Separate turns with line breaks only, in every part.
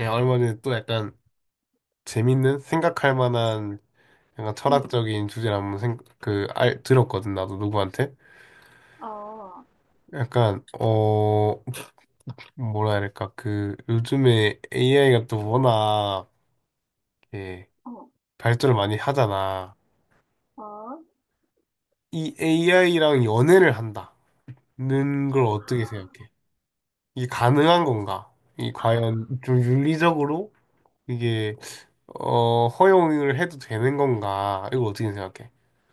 예 얼마는 또 약간 재밌는 생각할 만한 약간
음,
철학적인 주제를 한번 들었거든, 나도 누구한테.
아,
약간, 뭐라 해야 될까, 요즘에 AI가 또 워낙, 예
어,
발전을 많이 하잖아.
아,
이 AI랑 연애를 한다는 걸 어떻게 생각해? 이게 가능한 건가? 이 과연 좀 윤리적으로 이게, 허용을 해도 되는 건가? 이거 어떻게 생각해?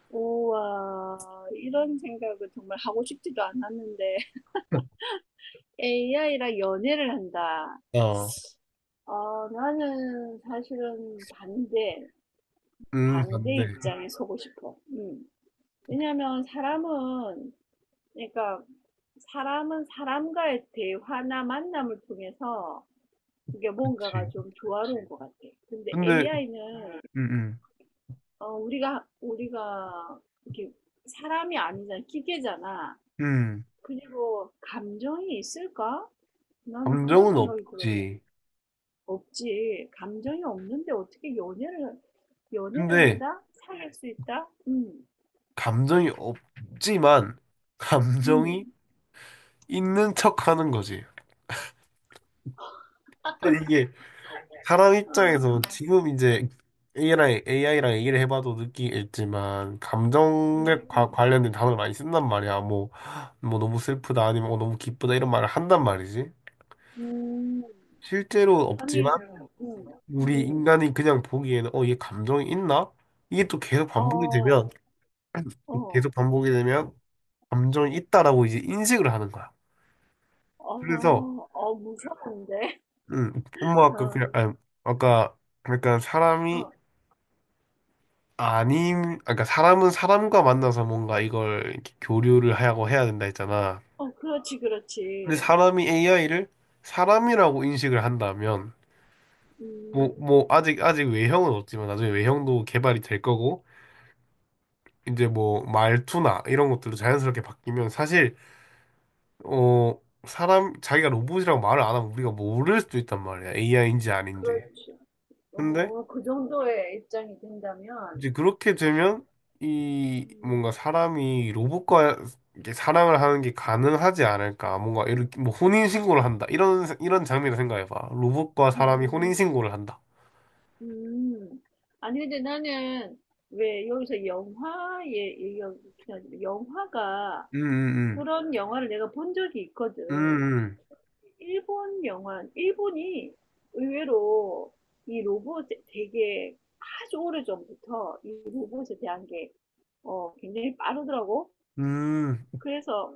우와, 이런 생각을 정말 하고 싶지도 않았는데, AI랑 연애를 한다.
어,
어, 나는 사실은 반대, 반대
반대.
입장에 서고 싶어. 왜냐면 사람은, 그러니까 사람은 사람과의 대화나 만남을 통해서 그게 뭔가가
그치.
좀 조화로운 것 같아. 근데
근데,
AI는
음,
어, 우리가, 이렇게, 사람이 아니잖아. 기계잖아.
음, 음.
그리고, 감정이 있을까? 나는 그런
감정은
생각이 들어서.
없지.
없지. 감정이 없는데 어떻게 연애를
근데,
한다? 사귈 수 있다?
감정이 없지만, 감정이
음,
있는 척 하는 거지. 근데 이게, 사람
어,
입장에서 지금 이제 AI랑, AI랑 얘기를 해봐도 느끼겠지만, 감정에
음,
관련된 단어를 많이 쓴단 말이야. 뭐, 너무 슬프다, 아니면 너무 기쁘다, 이런 말을 한단 말이지.
음.
실제로
아니,
없지만,
음,
우리
음.
인간이 그냥 보기에는, 얘 감정이 있나? 이게 또
어, 어,
계속 반복이 되면 감정이 있다라고 이제 인식을 하는 거야.
어,
그래서
어, 무서운데?
음, 엄마 아까
어,
그냥 아니, 아까 그러니까 사람이
어,
그러니까 사람은 사람과 만나서 뭔가 이걸 이렇게 교류를 하고 해야 된다 했잖아.
어, 그렇지,
근데
그렇지.
사람이 AI를 사람이라고 인식을 한다면
음,
뭐 아직 외형은 없지만 나중에 외형도 개발이 될 거고 이제 뭐 말투나 이런 것들도 자연스럽게 바뀌면 사실, 어, 자기가 로봇이라고 말을 안 하면 우리가 모를 수도 있단 말이야. AI인지 아닌지.
그렇지.
근데
그 정도의 입장이 된다면,
이제 그렇게 되면 이 뭔가
음,
사람이 로봇과 이렇게 사랑을 하는 게 가능하지 않을까. 뭔가 이렇게 뭐 혼인신고를 한다. 이런, 이런 장면을 생각해봐. 로봇과 사람이
음,
혼인신고를 한다.
음. 아니, 근데 나는 왜 여기서 영화에 얘기하긴 하지만, 영화가,
음, 음,
그런 영화를 내가 본 적이 있거든.
음,
일본 영화, 일본이 의외로 이 로봇 되게 아주 오래전부터 이 로봇에 대한 게 굉장히 빠르더라고.
음,
그래서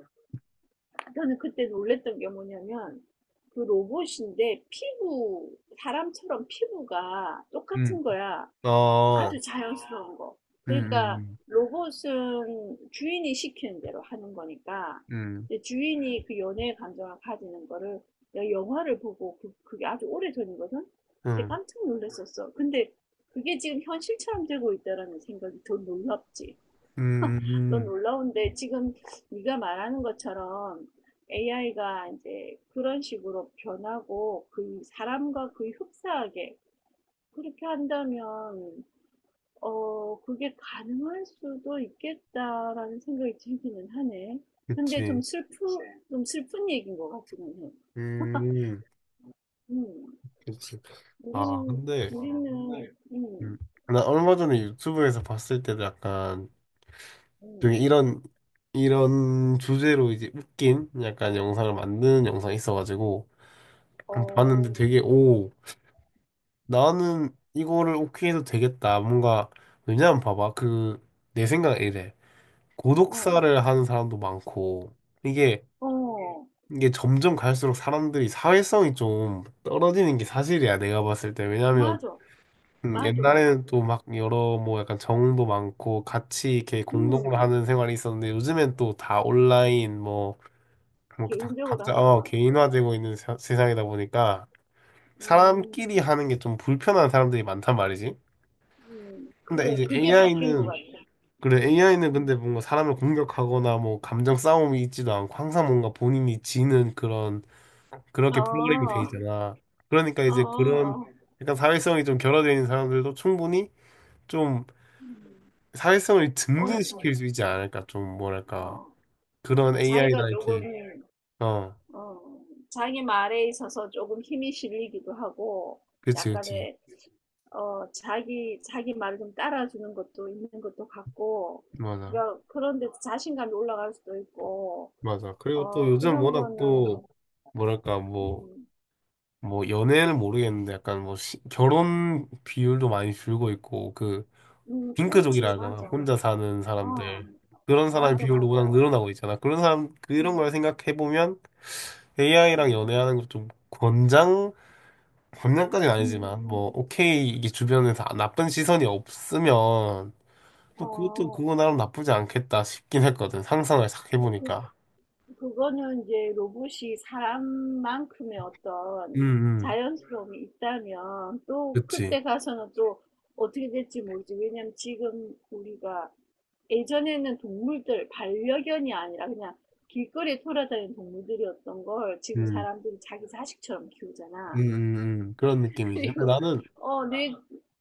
저는 그때 놀랬던 게 뭐냐면 그 로봇인데 피부, 사람처럼 피부가
음, 음,
똑같은 거야.
어,
아주 자연스러운 거.
음,
그러니까
음,
로봇은 주인이 시키는 대로 하는 거니까
음.
이제 주인이 그 연애의 감정을 가지는 거를 내가 영화를 보고 그게 아주 오래전이거든? 그때
음.
깜짝 놀랐었어. 근데 그게 지금 현실처럼 되고 있다라는 생각이 더 놀랍지.
음, 음,
또
음,
놀라운데 지금 네가 말하는 것처럼 AI가 이제 그런 식으로 변하고 그 사람과 거의 흡사하게 그렇게 한다면 그게 가능할 수도 있겠다라는 생각이 들기는 하네. 근데
그치.
좀 슬픈 얘기인 것 같기는 해.
음,
음,
그치. 아,
우리는
근데
우리는
음.
음,
나 얼마 전에 유튜브에서 봤을 때도 약간
음,
중에 이런 주제로 이제 웃긴 약간 영상을 만드는 영상이 있어가지고
어,
봤는데 되게 오 나는 이거를 오케이 해도 되겠다. 뭔가 왜냐면 봐봐 그 내 생각은 이래,
어,
고독사를 하는 사람도 많고 이게
어,
이게 점점 갈수록 사람들이 사회성이 좀 떨어지는 게 사실이야 내가 봤을 때. 왜냐면
맞아, 맞아, 맞아.
옛날에는 또 막 여러 뭐 약간 정도 많고 같이 이렇게 공동으로
음.
하는 생활이 있었는데 요즘엔 또 다 온라인 뭐, 뭐다
개인적으로
각자
한 게 많고.
개인화되고 있는 세상이다 보니까
음,
사람끼리 하는 게 좀 불편한 사람들이 많단 말이지. 근데
그래.
이제
그게 바뀐 것
AI는,
같아.
그래, AI는 근데
음.
뭔가 사람을 공격하거나 뭐 감정 싸움이 있지도 않고 항상 뭔가 본인이 지는 그런, 그렇게 프로그램이 돼
어,
있잖아. 그러니까 이제 그런
어,
약간 사회성이 좀 결여되어 있는 사람들도 충분히 좀
음,
사회성을
어느
증진시킬 수 있지 않을까? 좀 뭐랄까
어.
그런
자기가
AI나 이렇게
조금,
어,
어, 자기 말에 있어서 조금 힘이 실리기도 하고,
그치, 그치.
약간의, 자기 말을 좀 따라주는 것도 있는 것도 같고,
맞아,
그러니까 그런데 자신감이 올라갈 수도 있고,
맞아. 그리고 또
어,
요즘
그런
워낙 또
거는,
뭐랄까
음,
뭐 연애는 모르겠는데 약간 뭐 결혼 비율도 많이 줄고 있고 그
그렇지,
핑크족이라 하잖아,
맞아.
혼자 사는
어,
사람들. 그런 사람
맞아,
비율도
맞아.
워낙 늘어나고 있잖아. 그런 사람 그런
음.
걸 생각해 보면 AI랑
음.
연애하는 거좀 장난까지는 아니지만 뭐
음.
오케이, 이게 주변에서 나쁜 시선이 없으면 또 그것도
어,
그거 나름 나쁘지 않겠다 싶긴 했거든, 상상을 싹
뭐
해보니까.
그거는 이제 로봇이 사람만큼의
음,
어떤
음.
자연스러움이 있다면 또
그치.
그때 가서는 또 어떻게 될지 모르지. 왜냐면 지금 우리가 예전에는 동물들, 반려견이 아니라 그냥 길거리에 돌아다니는 동물들이었던 걸 지금
음,
사람들이 자기 자식처럼
음,
키우잖아.
음, 그런 느낌이지. 근데
그리고,
나는
내,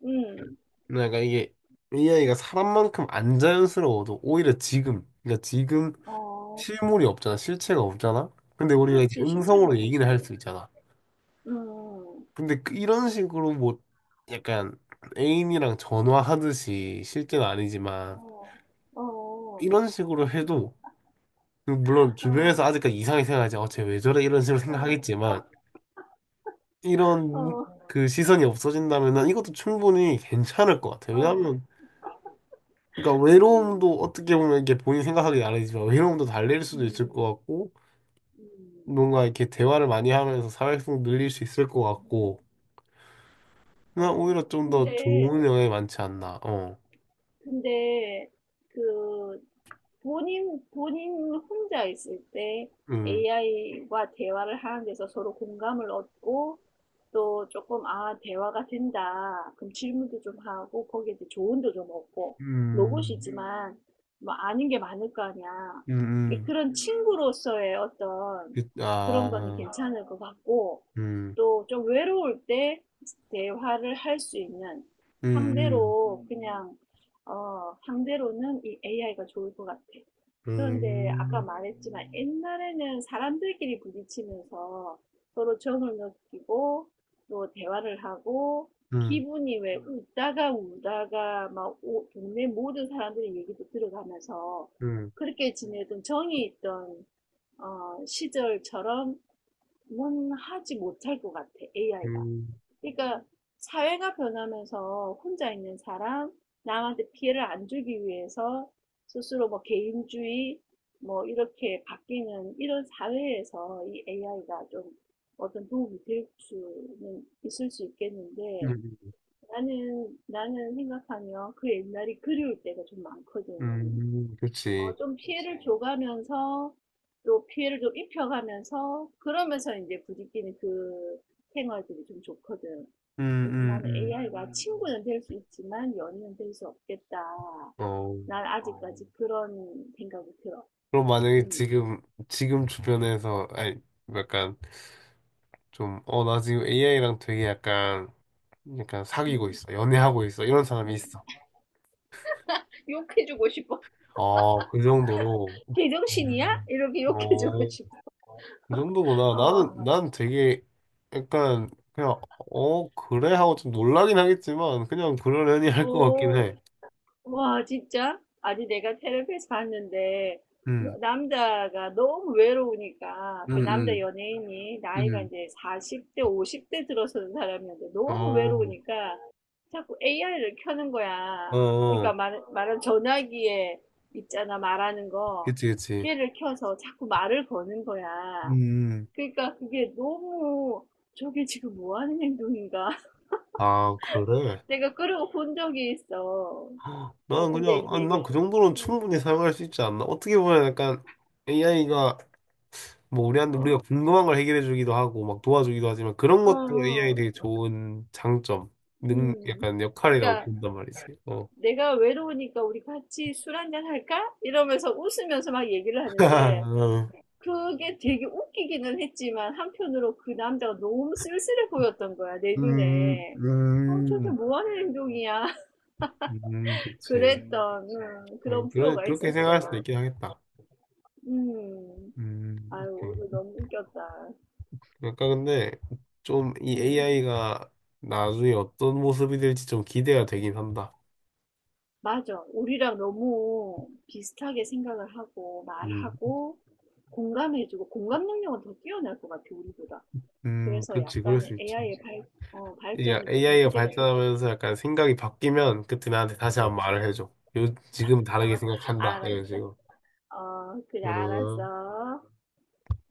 음,
내가 이게 AI가 사람만큼 안 자연스러워도 오히려 지금 그러니까 지금
어,
실물이 없잖아, 실체가 없잖아. 근데 우리가 이제
그렇지, 실체가
음성으로
없지.
얘기를 할 수 있잖아.
음.
근데 이런 식으로 뭐 약간 애인이랑 전화하듯이 실제는 아니지만
어. 어어.
이런 식으로 해도 물론 주변에서
아.
아직까지 이상하게 생각하지, 어쟤 왜 저래, 이런 식으로
어.
생각하겠지만 이런
어.
그 시선이 없어진다면은 이것도 충분히 괜찮을 것 같아요.
어. 어.
왜냐하면 그러니까
음.
외로움도 어떻게 보면 이게 본인 생각하기 나름이지만 외로움도 달랠 수도 있을 것
음.
같고
음.
뭔가 이렇게 대화를 많이 하면서 사회성 늘릴 수 있을 것
음.
같고 그냥
어.
오히려 좀 더
근데
좋은 영향이 많지 않나, 어,
근데 그 본인 혼자 있을 때
음,
AI와 대화를 하는 데서 서로 공감을 얻고 또 조금, 대화가 된다. 그럼 질문도 좀 하고 거기에 대해 조언도 좀 얻고
음,
로봇이지만 뭐 아는 게 많을 거 아니야.
음,
이게
음,
그런 친구로서의 어떤 그런 거는
아,
괜찮을 것 같고
음,
또 좀 외로울 때 대화를 할 수 있는
음, 음,
상대로 그냥 상대로는 이 AI가 좋을 것 같아.
음,
그런데 아까
음,
말했지만 옛날에는 사람들끼리 부딪히면서 서로 정을 느끼고 또 대화를 하고
음, 음.
기분이 왜 웃다가 울다가 막 동네 모든 사람들의 얘기도 들어가면서
음,
그렇게 지내던 정이 있던 시절처럼은 하지 못할 것 같아, AI가.
음,
그러니까 사회가 변하면서 혼자 있는 사람, 남한테 피해를 안 주기 위해서 스스로 뭐 개인주의, 뭐 이렇게 바뀌는 이런 사회에서 이 AI가 좀 어떤 도움이 될 수는 있을 수 있겠는데
음,
나는 생각하면 그 옛날이 그리울 때가 좀 많거든.
그치.
좀 피해를 줘가면서 또 피해를 좀 입혀가면서 그러면서 이제 부딪히는 그 생활들이 좀 좋거든.
음,
그래서
음,
나는
음.
AI가 친구는 될 수 있지만 연인은 될 수 없겠다.
어,
난 아직까지 그런 생각이 들어.
그럼 만약에
음,
지금 주변에서, 아니, 약간 좀, 나 지금 AI랑 되게 약간, 사귀고
음,
있어. 연애하고 있어. 이런 사람이
음.
있어.
욕해주고 싶어.
어, 그 정도로.
개정신이야?
음,
이렇게 욕해주고
어,
싶어.
그 정도구나.
어,
난 되게 약간, 그냥, 그래? 하고 좀 놀라긴 하겠지만, 그냥 그러려니 할 것 같긴
어.
해.
와, 진짜? 아니, 내가 테레비에서 봤는데,
음,
남자가 너무 외로우니까,
음,
그 남자
음,
연예인이 나이가
음.
이제 40대, 50대 들어서는 사람이었는데, 너무
어.
외로우니까 자꾸 AI를 켜는
어,
거야. 그러니까
어.
말한 전화기에 있잖아, 말하는 거.
그치, 그치.
걔를 켜서 자꾸 말을 거는 거야.
음,
그러니까 그게 너무, 저게 지금 뭐 하는 행동인가?
아, 그래?
내가 끌어본 적이 있어.
난
근데
그냥,
이제
아니,
이게,
난 그 정도는 충분히 사용할 수 있지 않나? 어떻게 보면 약간 AI가 뭐 우리한테
어,
우리가 궁금한 걸 해결해 주기도 하고 막 도와주기도 하지만 그런
어,
것도 AI
어,
되게 좋은 장점,
음.
약간 역할이라고
그러니까
본단 말이지. 어.
내가 외로우니까 우리 같이 술 한잔 할까? 이러면서 웃으면서 막 얘기를 하는데 그게 되게 웃기기는 했지만 한편으로 그 남자가 너무 쓸쓸해 보였던 거야, 내
음,
눈에. 저게
음,
뭐 하는 행동이야?
그치.
그랬던
아니,
그런
그래,
프로가
그렇게 생각할 수도
있었어.
있긴 하겠다.
음.
음.
아유, 오늘
음.
너무 웃겼다.
그러니까 근데 좀 이
음,
AI가 나중에 어떤 모습이 될지 좀 기대가 되긴 한다.
맞아. 우리랑 너무 비슷하게 생각을 하고
음,
말하고 공감해주고 공감 능력은 더 뛰어날 것 같아 우리보다. 그래서
그렇지, 그럴
약간은
수 있지.
AI의 발전이 조금
AI가
기대가 돼.
발전하면서 약간 생각이 바뀌면 그때 나한테 다시 한번 말을
그렇지.
해줘. 요, 지금
어,
다르게 생각한다. 이런
알았어.
식으로.
어, 그래
음.
알았어.